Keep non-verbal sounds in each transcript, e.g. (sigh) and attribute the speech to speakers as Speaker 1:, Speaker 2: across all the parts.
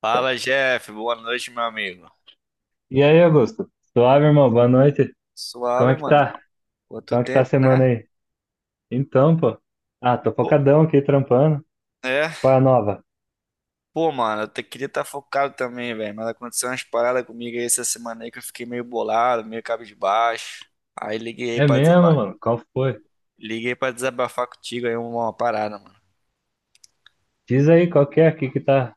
Speaker 1: Fala, Jeff. Boa noite, meu amigo.
Speaker 2: E aí, Augusto? Suave, irmão. Boa noite. Como é
Speaker 1: Suave,
Speaker 2: que
Speaker 1: mano.
Speaker 2: tá?
Speaker 1: Quanto
Speaker 2: Como é que tá a
Speaker 1: tempo, né?
Speaker 2: semana aí? Então, pô. Ah, tô
Speaker 1: Pô,
Speaker 2: focadão aqui, trampando.
Speaker 1: é,
Speaker 2: Qual é a nova?
Speaker 1: pô, mano, queria estar focado também, velho, mas aconteceu umas paradas comigo aí essa semana aí que eu fiquei meio bolado, meio cabisbaixo. Aí liguei aí
Speaker 2: É
Speaker 1: pra
Speaker 2: mesmo,
Speaker 1: desaba-
Speaker 2: mano? Qual foi?
Speaker 1: Liguei pra desabafar contigo aí uma parada, mano.
Speaker 2: Diz aí qual que é aqui que tá,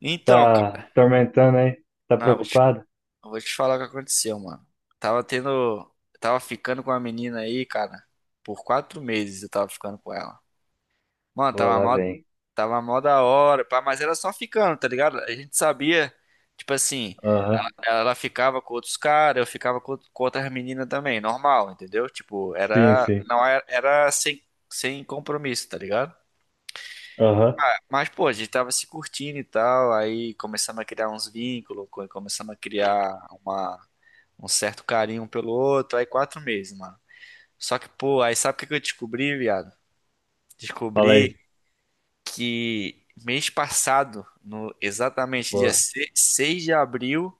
Speaker 1: Então,
Speaker 2: tá
Speaker 1: cara,
Speaker 2: tormentando aí. Tá
Speaker 1: não,
Speaker 2: preocupado?
Speaker 1: eu vou te falar o que aconteceu, mano. Tava tendo, tava ficando com a menina aí, cara, por 4 meses eu tava ficando com ela. Mano,
Speaker 2: Pô,
Speaker 1: tava
Speaker 2: lá
Speaker 1: mal.
Speaker 2: vem.
Speaker 1: Tava mó da hora, pá, mas era só ficando, tá ligado? A gente sabia, tipo assim,
Speaker 2: Aham.
Speaker 1: ela ficava com outros caras, eu ficava com outras meninas também, normal, entendeu? Tipo,
Speaker 2: Sim,
Speaker 1: era,
Speaker 2: sim.
Speaker 1: não era, sem compromisso, tá ligado?
Speaker 2: Aham.
Speaker 1: Mas, pô, a gente tava se curtindo e tal, aí começamos a criar uns vínculos, começamos a criar uma, um certo carinho um pelo outro, aí 4 meses, mano. Só que, pô, aí sabe o que que eu descobri, viado?
Speaker 2: Fala aí.
Speaker 1: Descobri que mês passado, no exatamente dia
Speaker 2: Pô,
Speaker 1: se- 6 de abril,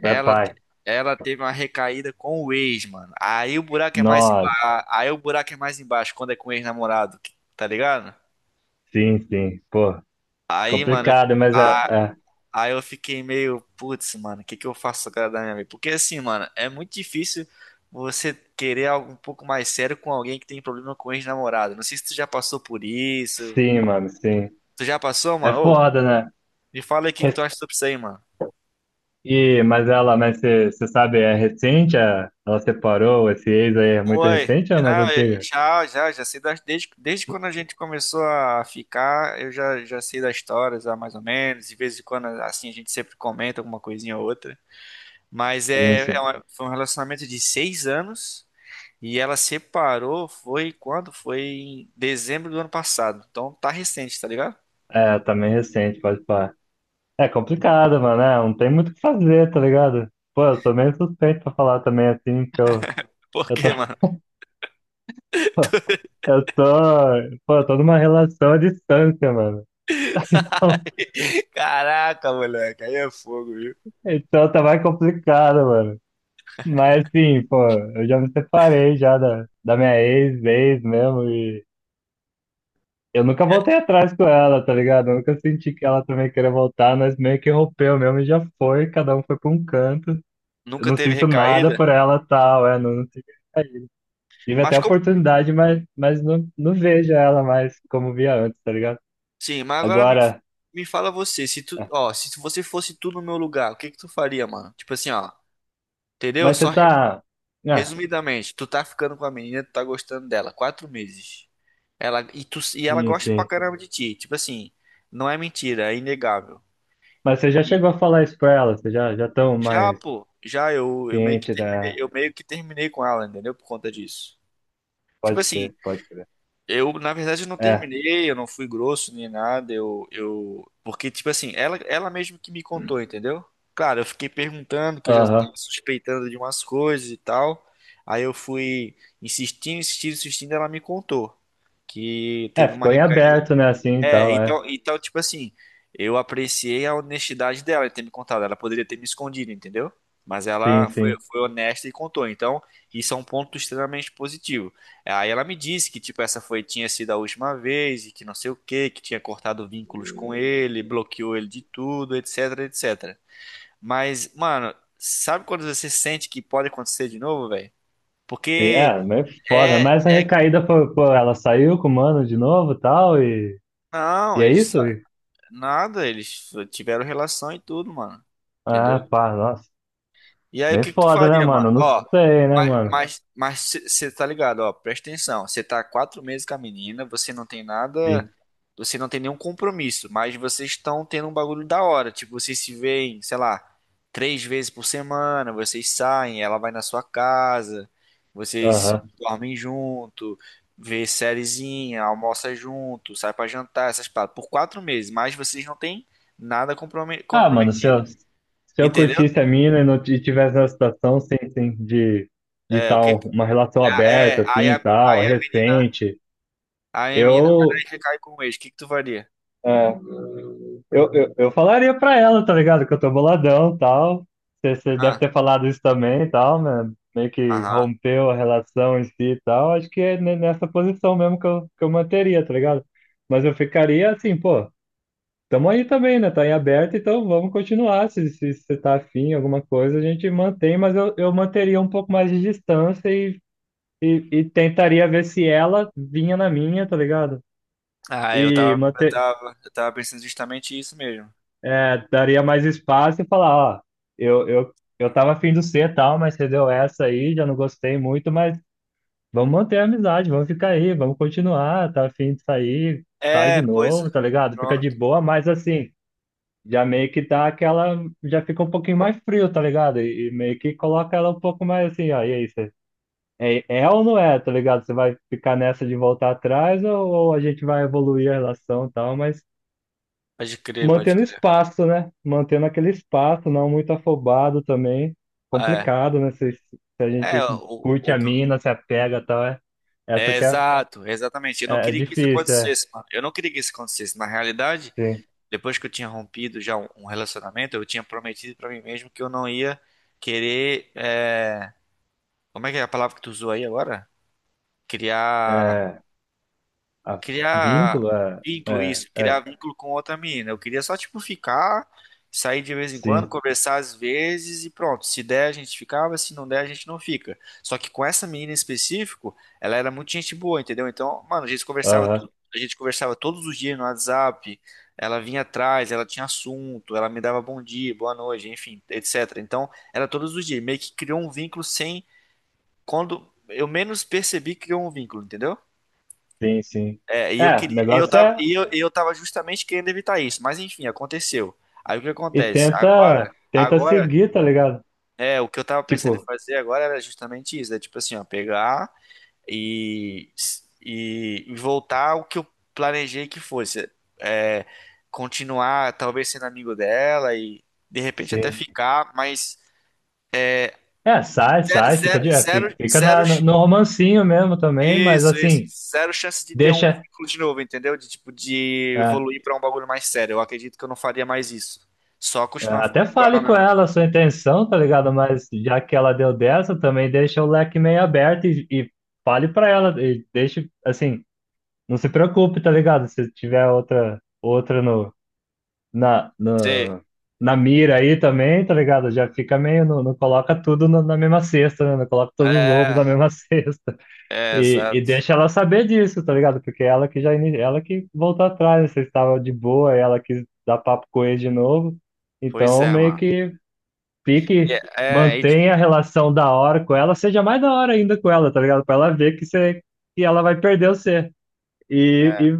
Speaker 2: vai,
Speaker 1: ela, te-
Speaker 2: pai.
Speaker 1: ela teve uma recaída com o ex, mano.
Speaker 2: Nós.
Speaker 1: Aí o buraco é mais embaixo quando é com o ex-namorado, tá ligado?
Speaker 2: Sim, sim. Pô,
Speaker 1: Aí, mano,
Speaker 2: complicado, mas é,
Speaker 1: a-
Speaker 2: é.
Speaker 1: aí eu fiquei meio, putz, mano, o que que eu faço agora da minha vida? Porque assim, mano, é muito difícil você querer algo um pouco mais sério com alguém que tem problema com ex-namorado. Não sei se tu já passou por isso.
Speaker 2: Sim, mano, sim.
Speaker 1: Tu já passou,
Speaker 2: É
Speaker 1: mano? Ô,
Speaker 2: foda, né?
Speaker 1: me fala aí o que que tu acha sobre isso aí, mano.
Speaker 2: Mas ela, mas você sabe, é recente? Ela separou, esse ex aí é muito
Speaker 1: Oi,
Speaker 2: recente ou é mais
Speaker 1: já,
Speaker 2: antiga?
Speaker 1: já sei das, desde quando a gente começou a ficar, eu já sei das histórias, ah, mais ou menos, de vez em quando, assim, a gente sempre comenta alguma coisinha ou outra, mas
Speaker 2: Sim, sim.
Speaker 1: foi um relacionamento de 6 anos, e ela separou, foi quando? Foi em dezembro do ano passado, então tá recente, tá ligado?
Speaker 2: É, também recente, pode falar. É complicado, mano, é, não tem muito o que fazer, tá ligado? Pô, eu sou meio suspeito pra falar também assim, que
Speaker 1: (laughs) Por
Speaker 2: eu tô,
Speaker 1: quê, mano?
Speaker 2: (laughs) eu tô, pô, eu tô numa relação à distância, mano. Então,
Speaker 1: (laughs) Caraca, moleque, aí é fogo, viu?
Speaker 2: então tá mais complicado, mano. Mas assim, pô, eu já me separei já da minha ex, ex mesmo, eu nunca voltei atrás com ela, tá ligado? Eu nunca senti que ela também queria voltar, nós meio que rompeu mesmo e já foi, cada um foi pra um canto. Eu
Speaker 1: Nunca
Speaker 2: não
Speaker 1: teve
Speaker 2: sinto nada
Speaker 1: recaída,
Speaker 2: por ela tal, é, não tive, tive até
Speaker 1: mas
Speaker 2: a
Speaker 1: como,
Speaker 2: oportunidade, mas não, não vejo ela mais como via antes, tá ligado?
Speaker 1: sim, mas
Speaker 2: Agora,
Speaker 1: me fala você, se tu,
Speaker 2: ah,
Speaker 1: ó, se tu- você fosse tu no meu lugar, o que que tu faria, mano? Tipo assim, ó, entendeu?
Speaker 2: mas você tá. Ah,
Speaker 1: Resumidamente, tu tá ficando com a menina, tu tá gostando dela, 4 meses. Ela e tu e ela
Speaker 2: Sim,
Speaker 1: gosta pra
Speaker 2: sim.
Speaker 1: caramba de ti, tipo assim, não é mentira, é inegável.
Speaker 2: Mas você já
Speaker 1: E
Speaker 2: chegou a falar isso pra ela, já tão
Speaker 1: já,
Speaker 2: mais
Speaker 1: pô, já eu, eu meio que
Speaker 2: ciente, né?
Speaker 1: terminei, eu meio que terminei com ela, entendeu? Por conta disso. Tipo
Speaker 2: Pode
Speaker 1: assim,
Speaker 2: crer, pode crer.
Speaker 1: eu, na verdade, eu não
Speaker 2: É,
Speaker 1: terminei, eu não fui grosso nem nada, eu... Porque, tipo assim, ela mesmo que me contou, entendeu? Claro, eu fiquei perguntando, que eu já estava
Speaker 2: aham.
Speaker 1: suspeitando de umas coisas e tal. Aí eu fui insistindo, insistindo, insistindo, ela me contou que
Speaker 2: É,
Speaker 1: teve uma
Speaker 2: ficou em
Speaker 1: recaída
Speaker 2: aberto, né, assim e
Speaker 1: é,
Speaker 2: tal, é.
Speaker 1: então, tipo assim, eu apreciei a honestidade dela em ter me contado. Ela poderia ter me escondido, entendeu? Mas
Speaker 2: Sim,
Speaker 1: ela foi,
Speaker 2: sim.
Speaker 1: foi honesta e contou. Então, isso é um ponto extremamente positivo. Aí ela me disse que, tipo, tinha sido a última vez e que não sei o quê, que tinha cortado vínculos com ele, bloqueou ele de tudo, etc, etc. Mas, mano, sabe quando você sente que pode acontecer de novo, velho?
Speaker 2: Sim, é,
Speaker 1: Porque
Speaker 2: meio foda.
Speaker 1: é,
Speaker 2: Mas a
Speaker 1: é.
Speaker 2: recaída foi, pô, ela saiu com o mano de novo e tal,
Speaker 1: Não,
Speaker 2: é
Speaker 1: eles
Speaker 2: isso?
Speaker 1: Nada, eles tiveram relação e tudo, mano. Entendeu?
Speaker 2: Ah, pá, nossa.
Speaker 1: E aí, o
Speaker 2: Meio
Speaker 1: que que tu
Speaker 2: foda, né,
Speaker 1: faria,
Speaker 2: mano?
Speaker 1: mano?
Speaker 2: Não
Speaker 1: Ó,
Speaker 2: sei, né,
Speaker 1: mas,
Speaker 2: mano?
Speaker 1: mas, mas você tá ligado, ó, presta atenção. Você tá há 4 meses com a menina, você não tem nada,
Speaker 2: Sim.
Speaker 1: você não tem nenhum compromisso, mas vocês estão tendo um bagulho da hora. Tipo, vocês se veem, sei lá, 3 vezes por semana, vocês saem, ela vai na sua casa, vocês
Speaker 2: Aham.
Speaker 1: dormem junto, vê sériezinha, almoça junto, sai pra jantar, essas paradas. Por 4 meses, mas vocês não têm nada comprome-
Speaker 2: Ah, mano,
Speaker 1: comprometido.
Speaker 2: se eu
Speaker 1: Entendeu?
Speaker 2: curtisse a mina e não t- e tivesse na situação, sim, sim, de
Speaker 1: É, o que.
Speaker 2: tal, uma relação
Speaker 1: É,
Speaker 2: aberta,
Speaker 1: é,
Speaker 2: assim, e tal,
Speaker 1: aí a menina.
Speaker 2: recente,
Speaker 1: Aí a menina vai lá
Speaker 2: eu,
Speaker 1: e recai com o ex. O que que tu faria?
Speaker 2: é, eu falaria pra ela, tá ligado? Que eu tô boladão e tal. Você deve
Speaker 1: Ah,
Speaker 2: ter falado isso também e tal, né? Meio que
Speaker 1: aham.
Speaker 2: rompeu a relação em si e tal. Acho que é nessa posição mesmo que eu manteria, tá ligado? Mas eu ficaria assim, pô, tamo aí também, né? Tá em aberto, então vamos continuar. Se você tá afim, alguma coisa, a gente mantém, mas eu manteria um pouco mais de distância e tentaria ver se ela vinha na minha, tá ligado?
Speaker 1: Ah,
Speaker 2: E manter,
Speaker 1: eu tava pensando justamente isso mesmo.
Speaker 2: é, daria mais espaço e falar, ó, eu tava afim do C e tal, mas você deu essa aí, já não gostei muito, mas vamos manter a amizade, vamos ficar aí, vamos continuar, tá afim de sair, sai
Speaker 1: É,
Speaker 2: de
Speaker 1: pois, é.
Speaker 2: novo, tá ligado? Fica de
Speaker 1: Pronto.
Speaker 2: boa, mas assim, já meio que dá aquela, já fica um pouquinho mais frio, tá ligado? Meio que coloca ela um pouco mais assim, ó, e aí, você, é, é ou não é, tá ligado? Você vai ficar nessa de voltar atrás ou a gente vai evoluir a relação e tal, mas
Speaker 1: Pode crer, pode
Speaker 2: mantendo
Speaker 1: crer.
Speaker 2: espaço, né? Mantendo aquele espaço, não muito afobado também.
Speaker 1: É,
Speaker 2: Complicado, né? Se a
Speaker 1: é,
Speaker 2: gente
Speaker 1: o,
Speaker 2: curte
Speaker 1: o, o-
Speaker 2: a mina, se apega e tal, é, essa
Speaker 1: é
Speaker 2: que é,
Speaker 1: exato, exatamente. Eu não
Speaker 2: é, é
Speaker 1: queria que isso
Speaker 2: difícil, é,
Speaker 1: acontecesse, mano. Eu não queria que isso acontecesse. Na realidade,
Speaker 2: sim.
Speaker 1: depois que eu tinha rompido já um relacionamento, eu tinha prometido pra mim mesmo que eu não ia querer. Como é que é a palavra que tu usou aí agora? Criar.
Speaker 2: É, a
Speaker 1: Criar
Speaker 2: vínculo, é,
Speaker 1: vínculo,
Speaker 2: é,
Speaker 1: isso, criar
Speaker 2: é,
Speaker 1: vínculo com outra menina. Eu queria só, tipo, ficar, sair de vez em quando,
Speaker 2: sim.
Speaker 1: conversar às vezes e pronto. Se der, a gente ficava, se não der, a gente não fica. Só que com essa menina em específico, ela era muito gente boa, entendeu? Então, mano, a gente conversava,
Speaker 2: Aham,
Speaker 1: tu- a gente conversava todos os dias no WhatsApp. Ela vinha atrás, ela tinha assunto, ela me dava bom dia, boa noite, enfim, etc. Então, era todos os dias, meio que criou um vínculo sem quando eu menos percebi, criou um vínculo, entendeu?
Speaker 2: sim, sim.
Speaker 1: É,
Speaker 2: É, o negócio é,
Speaker 1: e eu tava justamente querendo evitar isso, mas enfim, aconteceu. Aí o que
Speaker 2: e
Speaker 1: acontece?
Speaker 2: tenta, tenta
Speaker 1: Agora,
Speaker 2: seguir, tá ligado?
Speaker 1: é, o que eu tava pensando em
Speaker 2: Tipo,
Speaker 1: fazer agora era justamente isso, é tipo assim, ó, pegar e, e voltar ao que eu planejei que fosse, é, continuar talvez sendo amigo dela e de repente até
Speaker 2: sim.
Speaker 1: ficar, mas
Speaker 2: É, sai,
Speaker 1: ze-
Speaker 2: sai, fica,
Speaker 1: zero,
Speaker 2: de, é,
Speaker 1: zero,
Speaker 2: fica, fica
Speaker 1: zero,
Speaker 2: na, no no romancinho mesmo também, mas
Speaker 1: isso, isso.
Speaker 2: assim,
Speaker 1: Zero chance de ter um
Speaker 2: deixa.
Speaker 1: vínculo de novo, entendeu? De tipo, de
Speaker 2: É.
Speaker 1: evoluir pra um bagulho mais sério. Eu acredito que eu não faria mais isso. Só
Speaker 2: É,
Speaker 1: continuar
Speaker 2: até
Speaker 1: ficando com
Speaker 2: fale
Speaker 1: ela
Speaker 2: com
Speaker 1: mesmo.
Speaker 2: ela a sua intenção, tá ligado? Mas já que ela deu dessa, também deixa o leque meio aberto e fale pra ela. E deixe, assim, não se preocupe, tá ligado? Se tiver outra no, na,
Speaker 1: Sei.
Speaker 2: no, na mira aí também, tá ligado? Já fica meio. Não coloca tudo na mesma cesta, né? Não coloca todos os ovos
Speaker 1: É,
Speaker 2: na mesma (laughs) cesta.
Speaker 1: é, exato.
Speaker 2: Deixa ela saber disso, tá ligado? Porque ela que já. Ela que voltou atrás, né? Vocês estavam de boa, ela quis dar papo com ele de novo.
Speaker 1: Pois
Speaker 2: Então,
Speaker 1: é,
Speaker 2: meio
Speaker 1: mano.
Speaker 2: que
Speaker 1: E
Speaker 2: fique,
Speaker 1: É, é, aí, tipo,
Speaker 2: mantenha a relação da hora com ela, seja mais da hora ainda com ela, tá ligado? Pra ela ver que você, que ela vai perder você.
Speaker 1: é,
Speaker 2: E,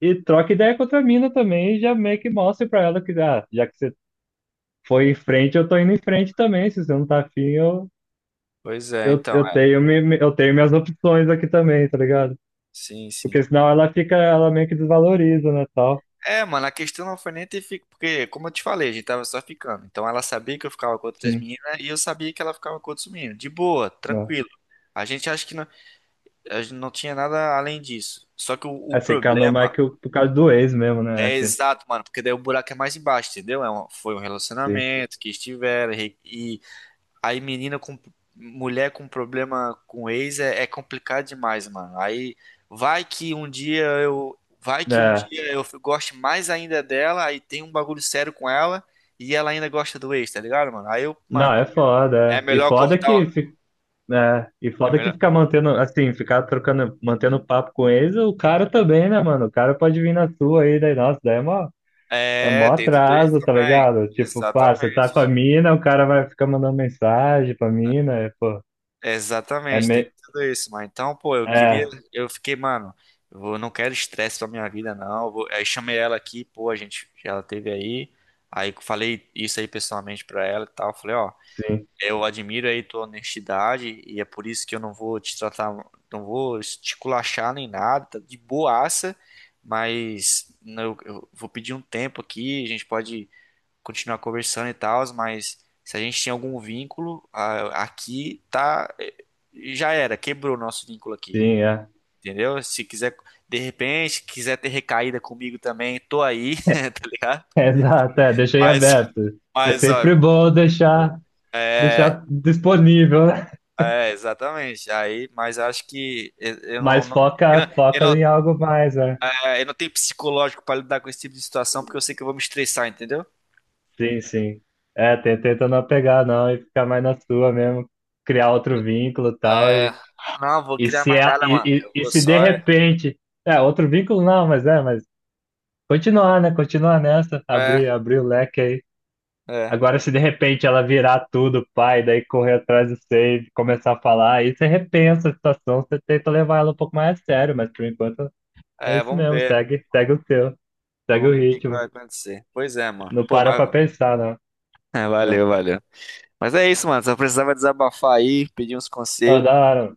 Speaker 2: e troca ideia com a mina também, e já meio que mostre pra ela que, ah, já que você foi em frente, eu tô indo em frente também. Se você não tá afim,
Speaker 1: pois é, então.
Speaker 2: eu
Speaker 1: É.
Speaker 2: tenho, eu tenho minhas opções aqui também, tá ligado?
Speaker 1: Sim,
Speaker 2: Porque
Speaker 1: sim.
Speaker 2: senão ela fica, ela meio que desvaloriza, né, tal.
Speaker 1: É, mano, a questão não foi nem ter ficado. Porque, como eu te falei, a gente tava só ficando. Então ela sabia que eu ficava com outras
Speaker 2: Sim.
Speaker 1: meninas e eu sabia que ela ficava com outros meninos. De boa,
Speaker 2: Mas,
Speaker 1: tranquilo. A gente acha que não, a gente não tinha nada além disso. Só que o
Speaker 2: assim, Kanomai
Speaker 1: problema
Speaker 2: que por causa do ex mesmo, né?
Speaker 1: é exato, mano, porque daí o buraco é mais embaixo, entendeu? Foi um
Speaker 2: Sim.
Speaker 1: relacionamento que estiveram e aí menina com mulher com problema com ex é complicado demais, mano. Aí vai que um
Speaker 2: É.
Speaker 1: dia eu goste mais ainda dela, aí tem um bagulho sério com ela e ela ainda gosta do ex, tá ligado, mano? Aí eu,
Speaker 2: Não,
Speaker 1: mano,
Speaker 2: é
Speaker 1: é
Speaker 2: foda. É. E
Speaker 1: melhor
Speaker 2: foda
Speaker 1: cortar,
Speaker 2: que fica né? E
Speaker 1: é
Speaker 2: foda que
Speaker 1: melhor.
Speaker 2: ficar mantendo, assim, ficar trocando, mantendo papo com eles, o cara também, né, mano? O cara pode vir na sua aí, daí, nossa, daí é
Speaker 1: É,
Speaker 2: mó
Speaker 1: tem tudo isso
Speaker 2: atraso, tá
Speaker 1: também.
Speaker 2: ligado? Tipo, pá, você tá com a
Speaker 1: Exatamente.
Speaker 2: mina, o cara vai ficar mandando mensagem pra mina, é, pô, é
Speaker 1: Exatamente, tem
Speaker 2: me...
Speaker 1: tudo isso, mas então, pô, eu queria,
Speaker 2: É,
Speaker 1: eu fiquei, mano, não quero estresse pra minha vida, não. Aí chamei ela aqui, pô, a gente, ela teve aí, aí eu falei isso aí pessoalmente pra ela e tal. Falei, ó,
Speaker 2: sim,
Speaker 1: eu admiro aí tua honestidade e é por isso que eu não vou te tratar, não vou te culachar nem nada, tá de boaça, mas não, eu vou pedir um tempo aqui, a gente pode continuar conversando e tal, mas se a gente tinha algum vínculo, aqui tá. Já era, quebrou o nosso vínculo aqui.
Speaker 2: sim, é.
Speaker 1: Entendeu? Se quiser, de repente, quiser ter recaída comigo também, tô aí, (laughs) tá ligado?
Speaker 2: (laughs) Exato, é, deixei
Speaker 1: Mas,
Speaker 2: aberto. É
Speaker 1: mas, ó,
Speaker 2: sempre bom deixar, deixar disponível, né?
Speaker 1: é, exatamente. Aí, mas acho que eu,
Speaker 2: Mas
Speaker 1: eu não,
Speaker 2: foca,
Speaker 1: eu
Speaker 2: foca em
Speaker 1: não,
Speaker 2: algo mais, né?
Speaker 1: eu não tenho psicológico pra lidar com esse tipo de situação, porque eu sei que eu vou me estressar, entendeu?
Speaker 2: Sim, sim. É, tenta não pegar não e ficar mais na sua mesmo, criar outro vínculo e tal,
Speaker 1: É, não, vou criar mais nada, mano. Eu
Speaker 2: e
Speaker 1: vou
Speaker 2: se de
Speaker 1: só.
Speaker 2: repente, é, outro vínculo não, mas é, mas continuar, né, continuar nessa,
Speaker 1: É,
Speaker 2: abrir, abrir o leque aí. Agora, se de repente ela virar tudo, pai, daí correr atrás do save, começar a falar, aí você repensa a situação, você tenta levar ela um pouco mais a sério, mas por enquanto é isso
Speaker 1: Vamos
Speaker 2: mesmo,
Speaker 1: ver.
Speaker 2: segue, segue o seu, segue o
Speaker 1: Vamos ver o que que
Speaker 2: ritmo,
Speaker 1: vai acontecer. Pois é, mano.
Speaker 2: não
Speaker 1: Pô,
Speaker 2: para pra
Speaker 1: mas...
Speaker 2: pensar, não.
Speaker 1: É,
Speaker 2: Ah,
Speaker 1: valeu, valeu. Mas é isso, mano. Só precisava desabafar aí, pedir uns
Speaker 2: ah, da
Speaker 1: conselhos.
Speaker 2: hora,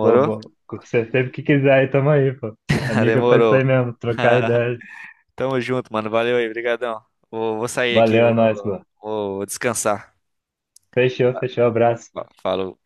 Speaker 2: bom, bom. Você sempre que quiser, aí tamo aí, pô.
Speaker 1: (laughs)
Speaker 2: Amiga, pra isso
Speaker 1: Demorou.
Speaker 2: aí mesmo, trocar
Speaker 1: (laughs)
Speaker 2: ideia.
Speaker 1: Tamo junto, mano. Valeu aí, brigadão. Vou sair aqui,
Speaker 2: Valeu, é nóis, pô.
Speaker 1: vou descansar.
Speaker 2: Fechou, fechou, abraço.
Speaker 1: Falou.